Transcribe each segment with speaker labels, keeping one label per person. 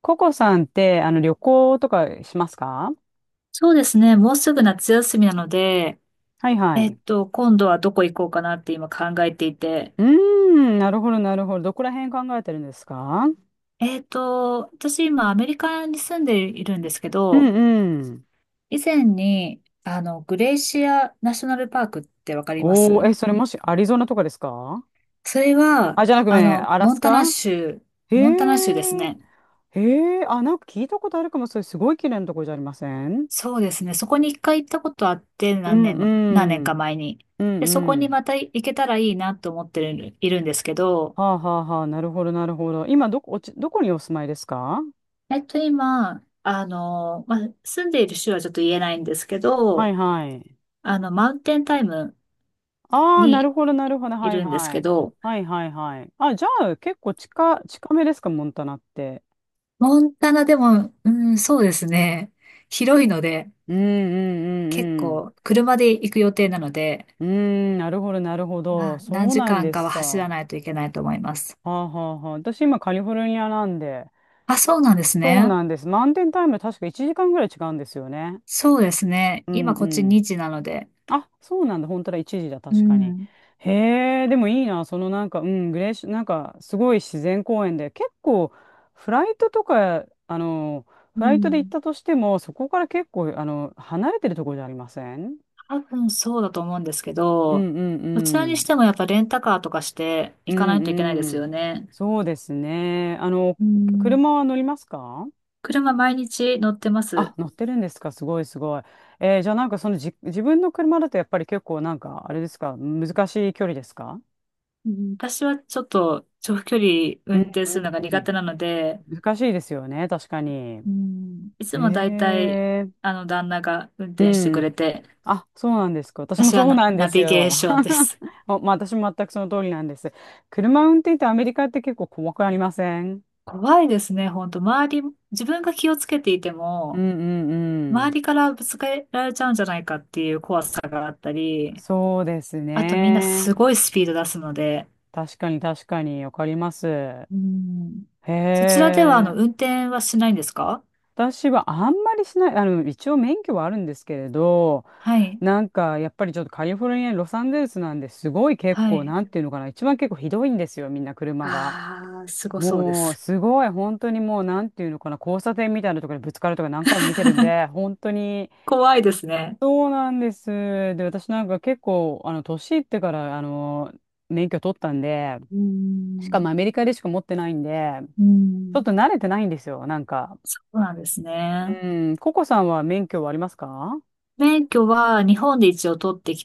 Speaker 1: ココさんって、旅行とかしますか？
Speaker 2: そうですね。もうすぐ夏休みなので、
Speaker 1: はいはい。
Speaker 2: 今度はどこ行こうかなって今考えていて。
Speaker 1: うーん、なるほど、なるほど。どこら辺考えてるんですか？
Speaker 2: 私今アメリカに住んでいるんですけ
Speaker 1: う
Speaker 2: ど、
Speaker 1: んうん。
Speaker 2: 以前に、グレイシアナショナルパークってわかりま
Speaker 1: おー、
Speaker 2: す？
Speaker 1: え、それもしアリゾナとかですか？
Speaker 2: それは、
Speaker 1: あ、じゃなくね、アラ
Speaker 2: モ
Speaker 1: ス
Speaker 2: ンタ
Speaker 1: カ。
Speaker 2: ナ州、
Speaker 1: へ
Speaker 2: モンタナ州です
Speaker 1: え、
Speaker 2: ね。
Speaker 1: へえ、あ、なんか聞いたことあるかも、それすごい綺麗なとこじゃありません？
Speaker 2: そうですね。そこに一回行ったことあって、
Speaker 1: う
Speaker 2: 何
Speaker 1: ん
Speaker 2: 年
Speaker 1: う
Speaker 2: も、何年か
Speaker 1: ん、
Speaker 2: 前に。
Speaker 1: うん
Speaker 2: で、そこ
Speaker 1: う
Speaker 2: に
Speaker 1: ん。
Speaker 2: また行けたらいいなと思ってる、いるんですけど、
Speaker 1: はあはあはあ、なるほど、なるほど。今、どこにお住まいですか？
Speaker 2: 今、まあ、住んでいる州はちょっと言えないんですけ
Speaker 1: はい
Speaker 2: ど、
Speaker 1: はい。
Speaker 2: マウンテンタイム
Speaker 1: ああ、な
Speaker 2: に
Speaker 1: るほど、なるほど。
Speaker 2: い
Speaker 1: はい
Speaker 2: るんです
Speaker 1: は
Speaker 2: け
Speaker 1: い。
Speaker 2: ど、
Speaker 1: はいはいはい。あ、じゃあ、結構近、近めですか、モンタナって。
Speaker 2: モンタナでも、うん、そうですね。広いので、
Speaker 1: うんうん
Speaker 2: 結
Speaker 1: うん
Speaker 2: 構、車で行く予定なので、
Speaker 1: うん。うーん、なるほど、なるほ
Speaker 2: ま
Speaker 1: ど。
Speaker 2: あ、
Speaker 1: そ
Speaker 2: 何
Speaker 1: う
Speaker 2: 時
Speaker 1: なん
Speaker 2: 間
Speaker 1: で
Speaker 2: かは
Speaker 1: すか。
Speaker 2: 走ら
Speaker 1: は
Speaker 2: ないといけないと思います。
Speaker 1: あはあはあ。私、今、カリフォルニアなんで。
Speaker 2: あ、そうなんです
Speaker 1: そう
Speaker 2: ね。
Speaker 1: なんです。マウンテンタイム、確か1時間ぐらい違うんですよね。
Speaker 2: そうですね。
Speaker 1: うん
Speaker 2: 今、こっ
Speaker 1: う
Speaker 2: ち2
Speaker 1: ん。
Speaker 2: 時なので。
Speaker 1: あ、そうなんだ。本当だ。一時だ。
Speaker 2: う
Speaker 1: 確かに。
Speaker 2: ん。
Speaker 1: へえ、でもいいな。そのなんか、うん、グレーシ、なんか、すごい自然公園で、結構、フライトとか、あの、
Speaker 2: う
Speaker 1: フライトで行っ
Speaker 2: ん、
Speaker 1: たとしても、そこから結構、離れてるところじゃありません？
Speaker 2: 多分そうだと思うんですけ
Speaker 1: う
Speaker 2: ど、
Speaker 1: んうん
Speaker 2: どちら
Speaker 1: う
Speaker 2: に
Speaker 1: ん。
Speaker 2: してもやっぱレンタカーとかして
Speaker 1: う
Speaker 2: 行かな
Speaker 1: ん
Speaker 2: いといけないで
Speaker 1: う
Speaker 2: す
Speaker 1: ん。
Speaker 2: よね。
Speaker 1: そうですね。
Speaker 2: うん。
Speaker 1: 車は乗りますか？
Speaker 2: 車毎日乗ってま
Speaker 1: あ、
Speaker 2: す。
Speaker 1: 乗ってるんですか。すごいすごい。じゃあなんかそのじ、自分の車だとやっぱり結構あれですか、難しい距離ですか？
Speaker 2: うん、私はちょっと長距離
Speaker 1: う
Speaker 2: 運
Speaker 1: ん
Speaker 2: 転するのが
Speaker 1: うんう
Speaker 2: 苦
Speaker 1: ん。
Speaker 2: 手なので、
Speaker 1: 難しいですよね、確かに。
Speaker 2: うん、いつ
Speaker 1: へ
Speaker 2: もだいたい
Speaker 1: え、
Speaker 2: 旦那が運
Speaker 1: う
Speaker 2: 転してく
Speaker 1: ん。
Speaker 2: れて、
Speaker 1: あ、そうなんですか。私も
Speaker 2: 私は
Speaker 1: そう
Speaker 2: ナ、
Speaker 1: なんで
Speaker 2: ナ
Speaker 1: す
Speaker 2: ビゲー
Speaker 1: よ。
Speaker 2: ションです。
Speaker 1: お、まあ私も全くその通りなんです。車運転ってアメリカって結構細くありません？
Speaker 2: 怖いですね、本当周り、自分が気をつけていて
Speaker 1: う
Speaker 2: も、
Speaker 1: んう
Speaker 2: 周
Speaker 1: ん
Speaker 2: りからぶつけられちゃうんじゃないかっていう怖さがあった
Speaker 1: うん。
Speaker 2: り、
Speaker 1: そうです
Speaker 2: あとみんなす
Speaker 1: ね。
Speaker 2: ごいスピード出すので、
Speaker 1: 確かに確かに、わかります。へ
Speaker 2: うん。そちらでは
Speaker 1: え。
Speaker 2: 運転はしないんですか？
Speaker 1: 私はあんまりしない、一応免許はあるんですけれど、
Speaker 2: はい。
Speaker 1: なんかやっぱりちょっとカリフォルニア、ロサンゼルスなんですごい結
Speaker 2: は
Speaker 1: 構、
Speaker 2: い。
Speaker 1: なんていうのかな、一番結構ひどいんですよ、みんな車が。
Speaker 2: ああ、すごそうで
Speaker 1: もう
Speaker 2: す。
Speaker 1: すごい、本当にもうなんていうのかな、交差点みたいなところにぶつかるとか何回も見てるんで、本当に。
Speaker 2: 怖いですね。
Speaker 1: そうなんです。で、私なんか結構、年いってから、免許取ったんで、
Speaker 2: う
Speaker 1: しか
Speaker 2: ん。
Speaker 1: もアメリカでしか持ってないんで、
Speaker 2: う
Speaker 1: ちょっ
Speaker 2: ん。
Speaker 1: と慣れてないんですよ、なんか。
Speaker 2: そうなんですね。
Speaker 1: うん、ココさんは免許はありますか？
Speaker 2: 免許は日本で一応取ってき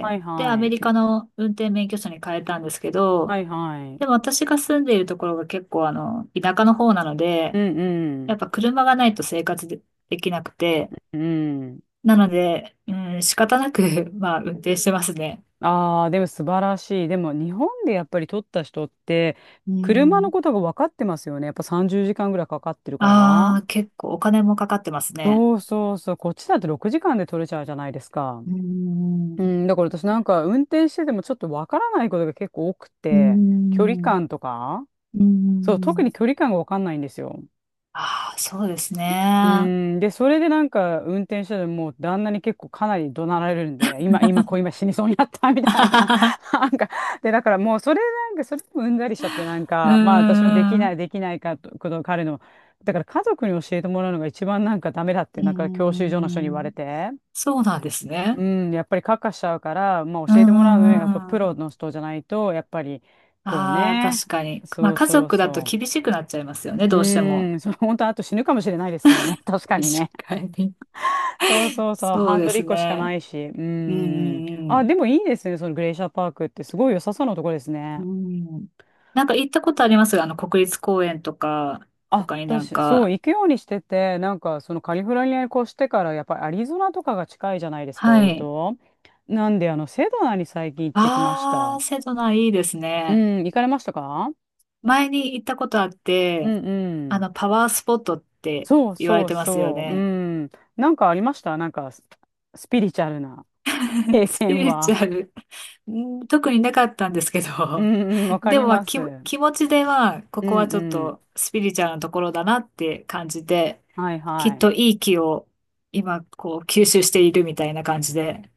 Speaker 1: はい
Speaker 2: で、ア
Speaker 1: は
Speaker 2: メ
Speaker 1: い。
Speaker 2: リカの運転免許証に変えたんですけ
Speaker 1: は
Speaker 2: ど、
Speaker 1: いは
Speaker 2: で
Speaker 1: い。
Speaker 2: も私が住んでいるところが結構田舎の方なので、
Speaker 1: うんう
Speaker 2: やっ
Speaker 1: ん。
Speaker 2: ぱ車がないと生活で、できなくて、
Speaker 1: うん。
Speaker 2: なので、うん、仕方なく、まあ、運転してますね。
Speaker 1: ああ、でも素晴らしい。でも日本でやっぱり取った人って、
Speaker 2: うー
Speaker 1: 車の
Speaker 2: ん、
Speaker 1: ことが分かってますよね。やっぱ30時間ぐらいかかってるから。
Speaker 2: ああ、結構お金もかかってますね。
Speaker 1: そうそうそう。こっちだって6時間で取れちゃうじゃないですか。
Speaker 2: うーん、う
Speaker 1: うん。だから私なんか運転しててもちょっと分からないことが結構多く
Speaker 2: ん、
Speaker 1: て、距離感とか。
Speaker 2: う
Speaker 1: そう、特
Speaker 2: ん、
Speaker 1: に距離感が分かんないんですよ。
Speaker 2: ああ、そうです
Speaker 1: う
Speaker 2: ね。
Speaker 1: ーん、で、それで運転しててもう旦那に結構かなり怒鳴られるんで、今、こう今死にそうになった みたいな。
Speaker 2: う
Speaker 1: なんか、で、だからもうそれでもうんざりしちゃってなん
Speaker 2: ん、
Speaker 1: か、まあ私のできな
Speaker 2: う
Speaker 1: い、できないかと、こと彼の、だから家族に教えてもらうのが一番なんかダメだって、なんか教習所の人に言われ
Speaker 2: ん、
Speaker 1: て、
Speaker 2: そうなんです
Speaker 1: う
Speaker 2: ね。
Speaker 1: ん、やっぱりカッカしちゃうから、まあ
Speaker 2: うー
Speaker 1: 教えてもらうのはやっぱプ
Speaker 2: ん、
Speaker 1: ロの人じゃないと、やっぱり、こう
Speaker 2: ああ、
Speaker 1: ね、
Speaker 2: 確かに。ま
Speaker 1: そ
Speaker 2: あ、
Speaker 1: う
Speaker 2: 家
Speaker 1: そう
Speaker 2: 族だと
Speaker 1: そ
Speaker 2: 厳
Speaker 1: う。
Speaker 2: しくなっちゃいますよね、
Speaker 1: う
Speaker 2: どうしても。
Speaker 1: ーん、その本当あと死ぬかもしれないですからね、確かに
Speaker 2: 確
Speaker 1: ね。
Speaker 2: かに。
Speaker 1: そうそうそう、
Speaker 2: そ
Speaker 1: ハ
Speaker 2: う
Speaker 1: ン
Speaker 2: で
Speaker 1: ドル1
Speaker 2: す
Speaker 1: 個しか
Speaker 2: ね。
Speaker 1: ないし。う
Speaker 2: うん、う
Speaker 1: ーん。
Speaker 2: ん、う
Speaker 1: あ、で
Speaker 2: ん。
Speaker 1: もいいですね、そのグレイシャーパークって、すごい良さそうなとこですね。
Speaker 2: うん。なんか行ったことありますが、国立公園とか、
Speaker 1: あ、
Speaker 2: 他になん
Speaker 1: 私、そう、
Speaker 2: か、
Speaker 1: 行くようにしてて、なんか、そのカリフォルニアに越してから、やっぱりアリゾナとかが近いじゃないですか、
Speaker 2: は
Speaker 1: 割
Speaker 2: い。
Speaker 1: と。なんで、セドナに最近行ってきました。
Speaker 2: 瀬戸内いいです
Speaker 1: う
Speaker 2: ね。
Speaker 1: ん、行かれましたか？
Speaker 2: 前に行ったことあっ
Speaker 1: う
Speaker 2: て、
Speaker 1: んうん。
Speaker 2: パワースポットって
Speaker 1: そう
Speaker 2: 言われ
Speaker 1: そう
Speaker 2: てますよ
Speaker 1: そう。う
Speaker 2: ね。
Speaker 1: ん。なんかありました？スピリチュアルな 経
Speaker 2: スピ
Speaker 1: 験
Speaker 2: リチュ
Speaker 1: は。
Speaker 2: アル、うん特になかったんですけ
Speaker 1: う
Speaker 2: ど、
Speaker 1: んうん、わか
Speaker 2: で
Speaker 1: り
Speaker 2: も、まあ、
Speaker 1: ま
Speaker 2: 気、
Speaker 1: す。うん
Speaker 2: 気持ちでは、こ
Speaker 1: う
Speaker 2: こはちょっ
Speaker 1: ん。
Speaker 2: とスピリチュアルなところだなって感じで、
Speaker 1: はい
Speaker 2: き
Speaker 1: は
Speaker 2: っ
Speaker 1: い。
Speaker 2: といい気を今、こう、吸収しているみたいな感じで。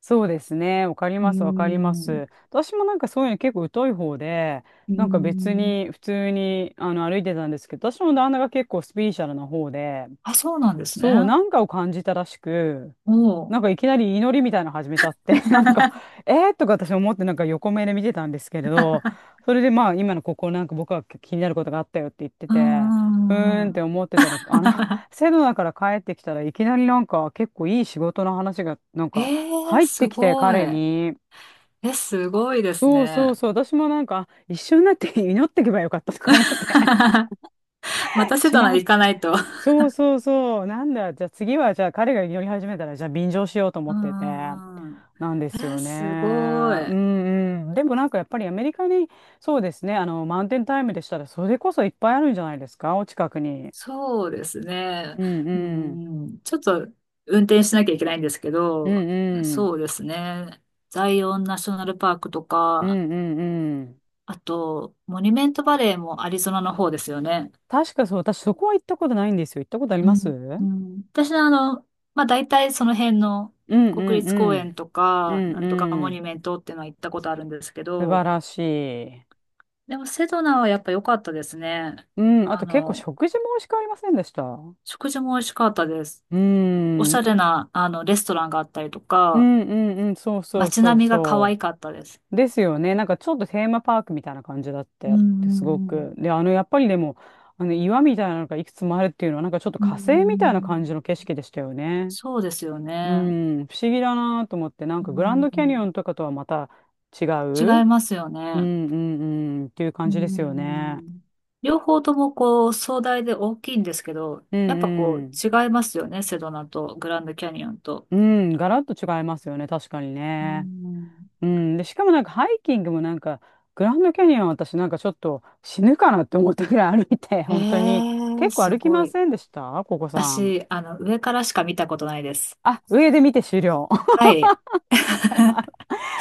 Speaker 1: そうですね。わかり
Speaker 2: うー
Speaker 1: ます、わかりま
Speaker 2: ん。
Speaker 1: す。私もなんかそういうの結構疎い方で、
Speaker 2: うー
Speaker 1: なんか別
Speaker 2: ん。
Speaker 1: に普通にあの歩いてたんですけど、私の旦那が結構スピリチュアルな方で、
Speaker 2: あ、そうなんですね。
Speaker 1: そう、なんかを感じたらしく、
Speaker 2: おう。
Speaker 1: なんかいきなり祈りみたいなの始めちゃって、なんか、えー、とか私思ってなんか横目で見てたんですけれど、それでまあ今のここなんか僕は気になることがあったよって言って
Speaker 2: う
Speaker 1: て、
Speaker 2: んうんう
Speaker 1: う
Speaker 2: ん
Speaker 1: ー
Speaker 2: う
Speaker 1: んって
Speaker 2: ん。
Speaker 1: 思ってたら、セドナから帰ってきたらいきなりなんか結構いい仕事の話がなん
Speaker 2: え
Speaker 1: か
Speaker 2: ー、
Speaker 1: 入って
Speaker 2: す
Speaker 1: きて
Speaker 2: ご
Speaker 1: 彼
Speaker 2: い。
Speaker 1: に、
Speaker 2: え、すごいです
Speaker 1: そうそう
Speaker 2: ね。
Speaker 1: そう、私もなんか一緒になって祈ってけばよかったとか思って、
Speaker 2: ま たセ
Speaker 1: し
Speaker 2: ドナ
Speaker 1: まっ
Speaker 2: 行かないと。
Speaker 1: そうそうそう。なんだ。じゃあ次は、じゃあ彼が祈り始めたら、じゃあ便乗しようと思
Speaker 2: う
Speaker 1: ってて。
Speaker 2: んうんうん。
Speaker 1: なんで
Speaker 2: え
Speaker 1: す
Speaker 2: ー、
Speaker 1: よね。
Speaker 2: すご
Speaker 1: う
Speaker 2: い。
Speaker 1: んうん。でもなんかやっぱりアメリカに、そうですね。マウンテンタイムでしたら、それこそいっぱいあるんじゃないですか、お近くに。
Speaker 2: そうですね。
Speaker 1: うん
Speaker 2: う
Speaker 1: うん。
Speaker 2: ん。ちょっと運転しなきゃいけないんですけ
Speaker 1: う
Speaker 2: ど、
Speaker 1: んうん。
Speaker 2: そうですね。ザイオンナショナルパークと
Speaker 1: う
Speaker 2: か、
Speaker 1: んうんうん。
Speaker 2: あと、モニュメントバレーもアリゾナの方ですよね。
Speaker 1: 確かそう、私そこは行ったことないんですよ。行ったことあり
Speaker 2: う
Speaker 1: ます？う
Speaker 2: ん、う
Speaker 1: ん
Speaker 2: ん、私はまあ、大体その辺の
Speaker 1: うんう
Speaker 2: 国
Speaker 1: ん。
Speaker 2: 立公園と
Speaker 1: う
Speaker 2: か、な
Speaker 1: ん
Speaker 2: んとか
Speaker 1: う
Speaker 2: モニュ
Speaker 1: ん。
Speaker 2: メントっていうのは行ったことあるんですけ
Speaker 1: 素晴
Speaker 2: ど、
Speaker 1: らしい。
Speaker 2: でもセドナはやっぱ良かったですね。
Speaker 1: うん。あ
Speaker 2: あ
Speaker 1: と結構
Speaker 2: の、
Speaker 1: 食事も美味しくありませんでした？う
Speaker 2: 食事も美味しかったです。おしゃれ
Speaker 1: ん。
Speaker 2: な、レストランがあったりと
Speaker 1: う
Speaker 2: か、
Speaker 1: んうんうん、そうそう
Speaker 2: 街
Speaker 1: そう
Speaker 2: 並みが可愛
Speaker 1: そ
Speaker 2: かったです。
Speaker 1: う。ですよね。なんかちょっとテーマパークみたいな感じだっ
Speaker 2: う
Speaker 1: て、ですご
Speaker 2: ん、うん、
Speaker 1: く。で、やっぱりでも、岩みたいなのがいくつもあるっていうのは、なんかちょっと
Speaker 2: うん、う
Speaker 1: 火星みたいな感じ
Speaker 2: ん、
Speaker 1: の景色でしたよね。
Speaker 2: そうですよ
Speaker 1: う
Speaker 2: ね。
Speaker 1: ん、不思議だなと思って、なん
Speaker 2: う
Speaker 1: かグランドキャニオ
Speaker 2: ん、
Speaker 1: ンとかとはまた違
Speaker 2: 違い
Speaker 1: う、
Speaker 2: ますよ
Speaker 1: う
Speaker 2: ね。
Speaker 1: んうんうん、っていう
Speaker 2: う
Speaker 1: 感じですよね。
Speaker 2: ん、両方ともこう壮大で大きいんですけど、
Speaker 1: う
Speaker 2: やっぱ
Speaker 1: ん
Speaker 2: こ
Speaker 1: う
Speaker 2: う
Speaker 1: ん。
Speaker 2: 違いますよね、セドナとグランドキャニオンと。
Speaker 1: うん、ガラッと違いますよね、確かに
Speaker 2: うー
Speaker 1: ね。
Speaker 2: ん。
Speaker 1: うん、で、しかもなんかハイキングもなんか、グランドキャニオン私なんかちょっと死ぬかなって思ったぐらい歩いて、
Speaker 2: え
Speaker 1: 本当に。
Speaker 2: え、
Speaker 1: 結構
Speaker 2: す
Speaker 1: 歩き
Speaker 2: ご
Speaker 1: ま
Speaker 2: い。
Speaker 1: せんでしたここさん？
Speaker 2: 私、上からしか見たことないです。
Speaker 1: あ、上で見て終了。
Speaker 2: はい。
Speaker 1: わかります。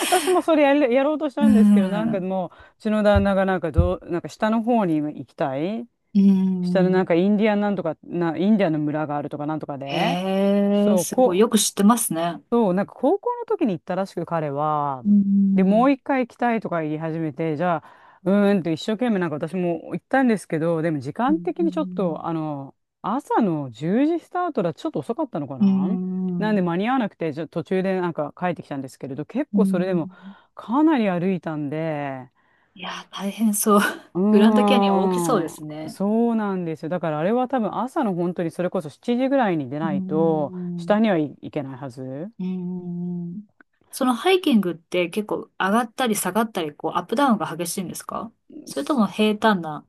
Speaker 1: 私もそれやる、やろうとし
Speaker 2: うー
Speaker 1: たんですけど、なんか
Speaker 2: ん。
Speaker 1: もう、うちの旦那がなんかどう、なんか下の方に行きたい。
Speaker 2: う
Speaker 1: 下のなん
Speaker 2: ん。
Speaker 1: かインディアンなんとか、インディアンの村があるとかなんとかで。
Speaker 2: ええ、
Speaker 1: そう、
Speaker 2: すごい。
Speaker 1: こ
Speaker 2: よく知ってますね。
Speaker 1: そう、なんか高校の時に行ったらしく彼は、
Speaker 2: う
Speaker 1: で、もう
Speaker 2: ん。
Speaker 1: 一回行きたいとか言い始めて、じゃあ、うーんと一生懸命なんか私も行ったんですけど、でも時
Speaker 2: う
Speaker 1: 間的にちょっと、
Speaker 2: ん。
Speaker 1: 朝の10時スタートだとちょっと遅かったのか
Speaker 2: う
Speaker 1: な。
Speaker 2: ん。
Speaker 1: なんで
Speaker 2: う
Speaker 1: 間に合わなくて、じゃあ途中でなんか帰ってきたんですけれど、結構
Speaker 2: ん、
Speaker 1: それでもかなり歩いたんで、
Speaker 2: いや大変そう。
Speaker 1: う
Speaker 2: グランドキャニオン大きそうです
Speaker 1: ーん、
Speaker 2: ね。
Speaker 1: そうなんですよ。だからあれは多分朝の本当にそれこそ7時ぐらいに出
Speaker 2: う
Speaker 1: ないと、下
Speaker 2: ん。
Speaker 1: に、はい、行けないはず。
Speaker 2: うーん。そのハイキングって結構上がったり下がったり、こうアップダウンが激しいんですか？それとも平坦な。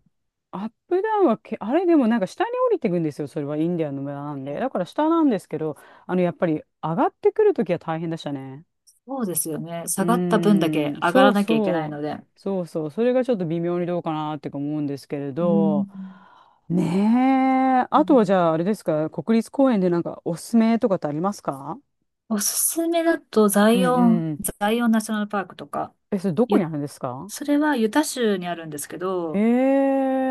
Speaker 1: アップダウンはあれでもなんか下に降りていくんですよ、それはインディアンの村なんで。だから下なんですけど、やっぱり上がってくるときは大変でしたね。
Speaker 2: そうですよね。
Speaker 1: う
Speaker 2: 下がった分だけ
Speaker 1: ーん、
Speaker 2: 上が
Speaker 1: そ
Speaker 2: ら
Speaker 1: う
Speaker 2: なきゃいけないの
Speaker 1: そ
Speaker 2: で。う
Speaker 1: う、そうそう、それがちょっと微妙にどうかなってか思うんですけれ
Speaker 2: ん。
Speaker 1: ど、ねえ、
Speaker 2: う
Speaker 1: あとはじゃあ
Speaker 2: ん、
Speaker 1: あれですか、国立公園でなんかおすすめとかってありますか？
Speaker 2: おすすめだとザ
Speaker 1: うん
Speaker 2: イオン、
Speaker 1: うん。
Speaker 2: ザイオンナショナルパークとか、
Speaker 1: え、それどこに
Speaker 2: ゆ、
Speaker 1: あるんですか？
Speaker 2: それはユタ州にあるんですけ
Speaker 1: へ
Speaker 2: ど、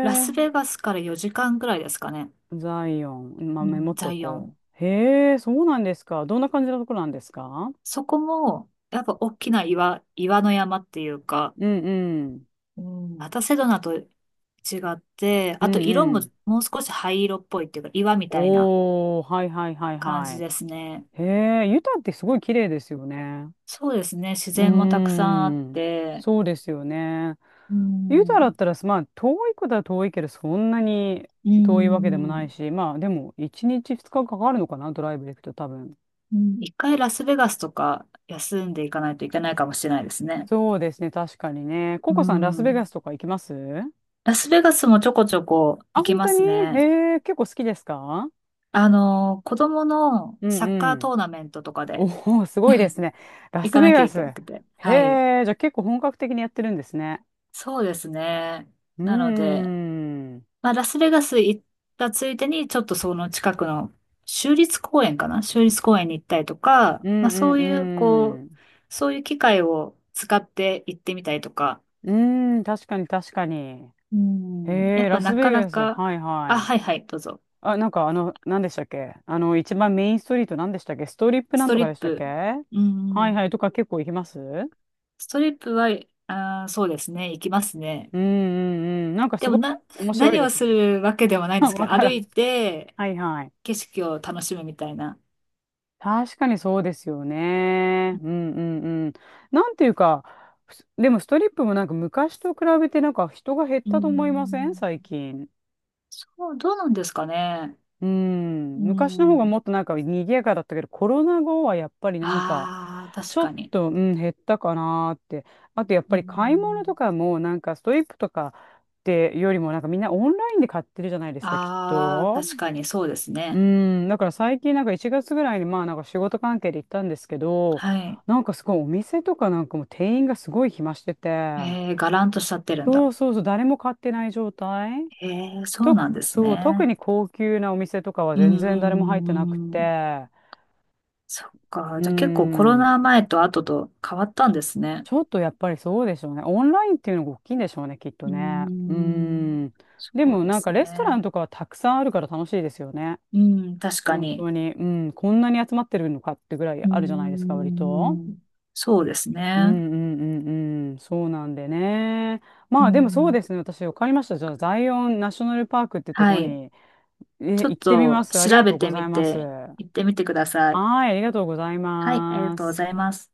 Speaker 2: ラスベガスから4時間ぐらいですかね。
Speaker 1: ザイオン、まあ、
Speaker 2: う
Speaker 1: メモ
Speaker 2: ん、
Speaker 1: っ
Speaker 2: ザ
Speaker 1: と
Speaker 2: イオ
Speaker 1: こ
Speaker 2: ン。
Speaker 1: う。へえ、そうなんですか。どんな感じのところなんですか？
Speaker 2: そこも、やっぱ大きな岩の山っていうか、
Speaker 1: うんうん。
Speaker 2: うん。またセドナと違って、
Speaker 1: う
Speaker 2: あと
Speaker 1: ん
Speaker 2: 色
Speaker 1: う
Speaker 2: も
Speaker 1: ん。
Speaker 2: もう少し灰色っぽいっていうか岩みたいな
Speaker 1: おー、はいはいはい
Speaker 2: 感
Speaker 1: は
Speaker 2: じ
Speaker 1: い。
Speaker 2: ですね。
Speaker 1: へえ、ユタってすごい綺麗ですよね。
Speaker 2: そうですね。自
Speaker 1: うー
Speaker 2: 然もたくさんあっ
Speaker 1: ん。
Speaker 2: て、
Speaker 1: そうですよね。
Speaker 2: う
Speaker 1: ユタだっ
Speaker 2: ん、
Speaker 1: たら、まあ、遠いことは遠いけど、そんなに
Speaker 2: う
Speaker 1: 遠いわけでもない
Speaker 2: ん。
Speaker 1: し、まあ、でも、1日2日かかるのかな、ドライブで行くと多分。
Speaker 2: うん、一回ラスベガスとか休んでいかないといけないかもしれないですね。
Speaker 1: そうですね、確かにね。コ
Speaker 2: う
Speaker 1: コさん、ラスベガ
Speaker 2: ん。
Speaker 1: スとか行きます？
Speaker 2: ラスベガスもちょこちょこ
Speaker 1: あ、
Speaker 2: 行き
Speaker 1: 本
Speaker 2: ま
Speaker 1: 当に、
Speaker 2: すね。
Speaker 1: へえ、結構好きですか？
Speaker 2: 子供の
Speaker 1: うん
Speaker 2: サッ
Speaker 1: う
Speaker 2: カー
Speaker 1: ん。
Speaker 2: トーナメントとかで
Speaker 1: おお、すごいで すね。ラ
Speaker 2: 行
Speaker 1: ス
Speaker 2: か
Speaker 1: ベ
Speaker 2: なきゃ
Speaker 1: ガ
Speaker 2: い
Speaker 1: ス。
Speaker 2: けな
Speaker 1: へ
Speaker 2: くて。はい。
Speaker 1: え、じゃあ結構本格的にやってるんですね。
Speaker 2: そうですね。
Speaker 1: うー
Speaker 2: なので、
Speaker 1: ん。うん
Speaker 2: まあ、ラスベガス行ったついでに、ちょっとその近くの州立公園かな、州立公園に行ったりとか、
Speaker 1: う
Speaker 2: まあ、そ
Speaker 1: ん
Speaker 2: ういう、こ
Speaker 1: う
Speaker 2: う、
Speaker 1: ん。
Speaker 2: そういう機会を使って行ってみたりとか、
Speaker 1: うーん、確かに確かに。
Speaker 2: う
Speaker 1: へ
Speaker 2: ん、や
Speaker 1: え、
Speaker 2: っ
Speaker 1: ラ
Speaker 2: ぱ
Speaker 1: ス
Speaker 2: なか
Speaker 1: ベ
Speaker 2: な
Speaker 1: ガス。
Speaker 2: か、
Speaker 1: はいは
Speaker 2: あ、
Speaker 1: い。
Speaker 2: はいはい、どうぞ。
Speaker 1: あ、なんか何でしたっけ、一番メインストリート何でしたっけ、ストリップ
Speaker 2: ス
Speaker 1: なん
Speaker 2: ト
Speaker 1: とか
Speaker 2: リッ
Speaker 1: でしたっけ、
Speaker 2: プ。
Speaker 1: は
Speaker 2: う
Speaker 1: い
Speaker 2: ん、
Speaker 1: はいとか結構行きます？う
Speaker 2: ストリップは、そうですね、行きますね。
Speaker 1: んうんうん。なんか
Speaker 2: で
Speaker 1: すご
Speaker 2: も
Speaker 1: い
Speaker 2: な、
Speaker 1: 面白い
Speaker 2: 何
Speaker 1: で
Speaker 2: を
Speaker 1: すよ
Speaker 2: す
Speaker 1: ね。
Speaker 2: るわけではないんで すけ
Speaker 1: わ
Speaker 2: ど、
Speaker 1: か
Speaker 2: 歩
Speaker 1: らん。
Speaker 2: いて
Speaker 1: はいはい。
Speaker 2: 景色を楽しむみたいな。
Speaker 1: 確かにそうですよね。うんうんうん。なんていうか、でもストリップもなんか昔と比べてなんか人が減っ
Speaker 2: う
Speaker 1: たと思いません？
Speaker 2: ん、
Speaker 1: 最近。
Speaker 2: そう、どうなんですかね。
Speaker 1: う
Speaker 2: う
Speaker 1: ん。昔の方が
Speaker 2: ん。
Speaker 1: もっとなんか賑やかだったけど、コロナ後はやっぱりなんか、
Speaker 2: ああ、
Speaker 1: ち
Speaker 2: 確
Speaker 1: ょっ
Speaker 2: かに。
Speaker 1: と、うん、減ったかなーって。あとやっ
Speaker 2: う
Speaker 1: ぱり買い物と
Speaker 2: ん。
Speaker 1: かもなんかストリップとかってよりもなんかみんなオンラインで買ってるじゃないですか、きっ
Speaker 2: ああ、
Speaker 1: と。
Speaker 2: 確かにそうです
Speaker 1: う
Speaker 2: ね。
Speaker 1: ん、だから最近なんか1月ぐらいにまあなんか仕事関係で行ったんですけど、
Speaker 2: はい。
Speaker 1: なんかすごいお店とかなんかもう店員がすごい暇してて、
Speaker 2: えー、がらんとしちゃってるん
Speaker 1: そ
Speaker 2: だ。
Speaker 1: うそうそう、誰も買ってない状態
Speaker 2: えー、そう
Speaker 1: と、
Speaker 2: なんです
Speaker 1: そう、特に
Speaker 2: ね。
Speaker 1: 高級なお店とかは
Speaker 2: う
Speaker 1: 全然誰も
Speaker 2: ー
Speaker 1: 入ってなく
Speaker 2: ん。
Speaker 1: て、
Speaker 2: そっか。
Speaker 1: う
Speaker 2: じゃあ結構コロ
Speaker 1: ん、
Speaker 2: ナ前と後と変わったんですね。
Speaker 1: ちょっとやっぱりそうでしょうね。オンラインっていうのが大きいんでしょうね、きっと
Speaker 2: うー
Speaker 1: ね。う
Speaker 2: ん。
Speaker 1: ん。
Speaker 2: そ
Speaker 1: で
Speaker 2: う
Speaker 1: も
Speaker 2: で
Speaker 1: なん
Speaker 2: す
Speaker 1: かレストラン
Speaker 2: ね。
Speaker 1: とかはたくさんあるから楽しいですよね。
Speaker 2: うん、確か
Speaker 1: 本
Speaker 2: に。
Speaker 1: 当に、うん、こんなに集まってるのかってぐらい
Speaker 2: うー
Speaker 1: あるじゃないですか、割と。
Speaker 2: ん。そうです
Speaker 1: う
Speaker 2: ね。
Speaker 1: んうんうんうん、そうなんでね。
Speaker 2: う
Speaker 1: まあでもそうで
Speaker 2: ん。
Speaker 1: すね、私分かりました。じゃあ、ザイオンナショナルパークってと
Speaker 2: は
Speaker 1: こ
Speaker 2: い。
Speaker 1: に、
Speaker 2: ちょ
Speaker 1: 行
Speaker 2: っ
Speaker 1: ってみま
Speaker 2: と
Speaker 1: す。あり
Speaker 2: 調
Speaker 1: がと
Speaker 2: べ
Speaker 1: うご
Speaker 2: て
Speaker 1: ざい
Speaker 2: み
Speaker 1: ます。
Speaker 2: て、行ってみてください。
Speaker 1: はい、ありがとうござい
Speaker 2: はい、ありが
Speaker 1: ま
Speaker 2: とうご
Speaker 1: す。
Speaker 2: ざいます。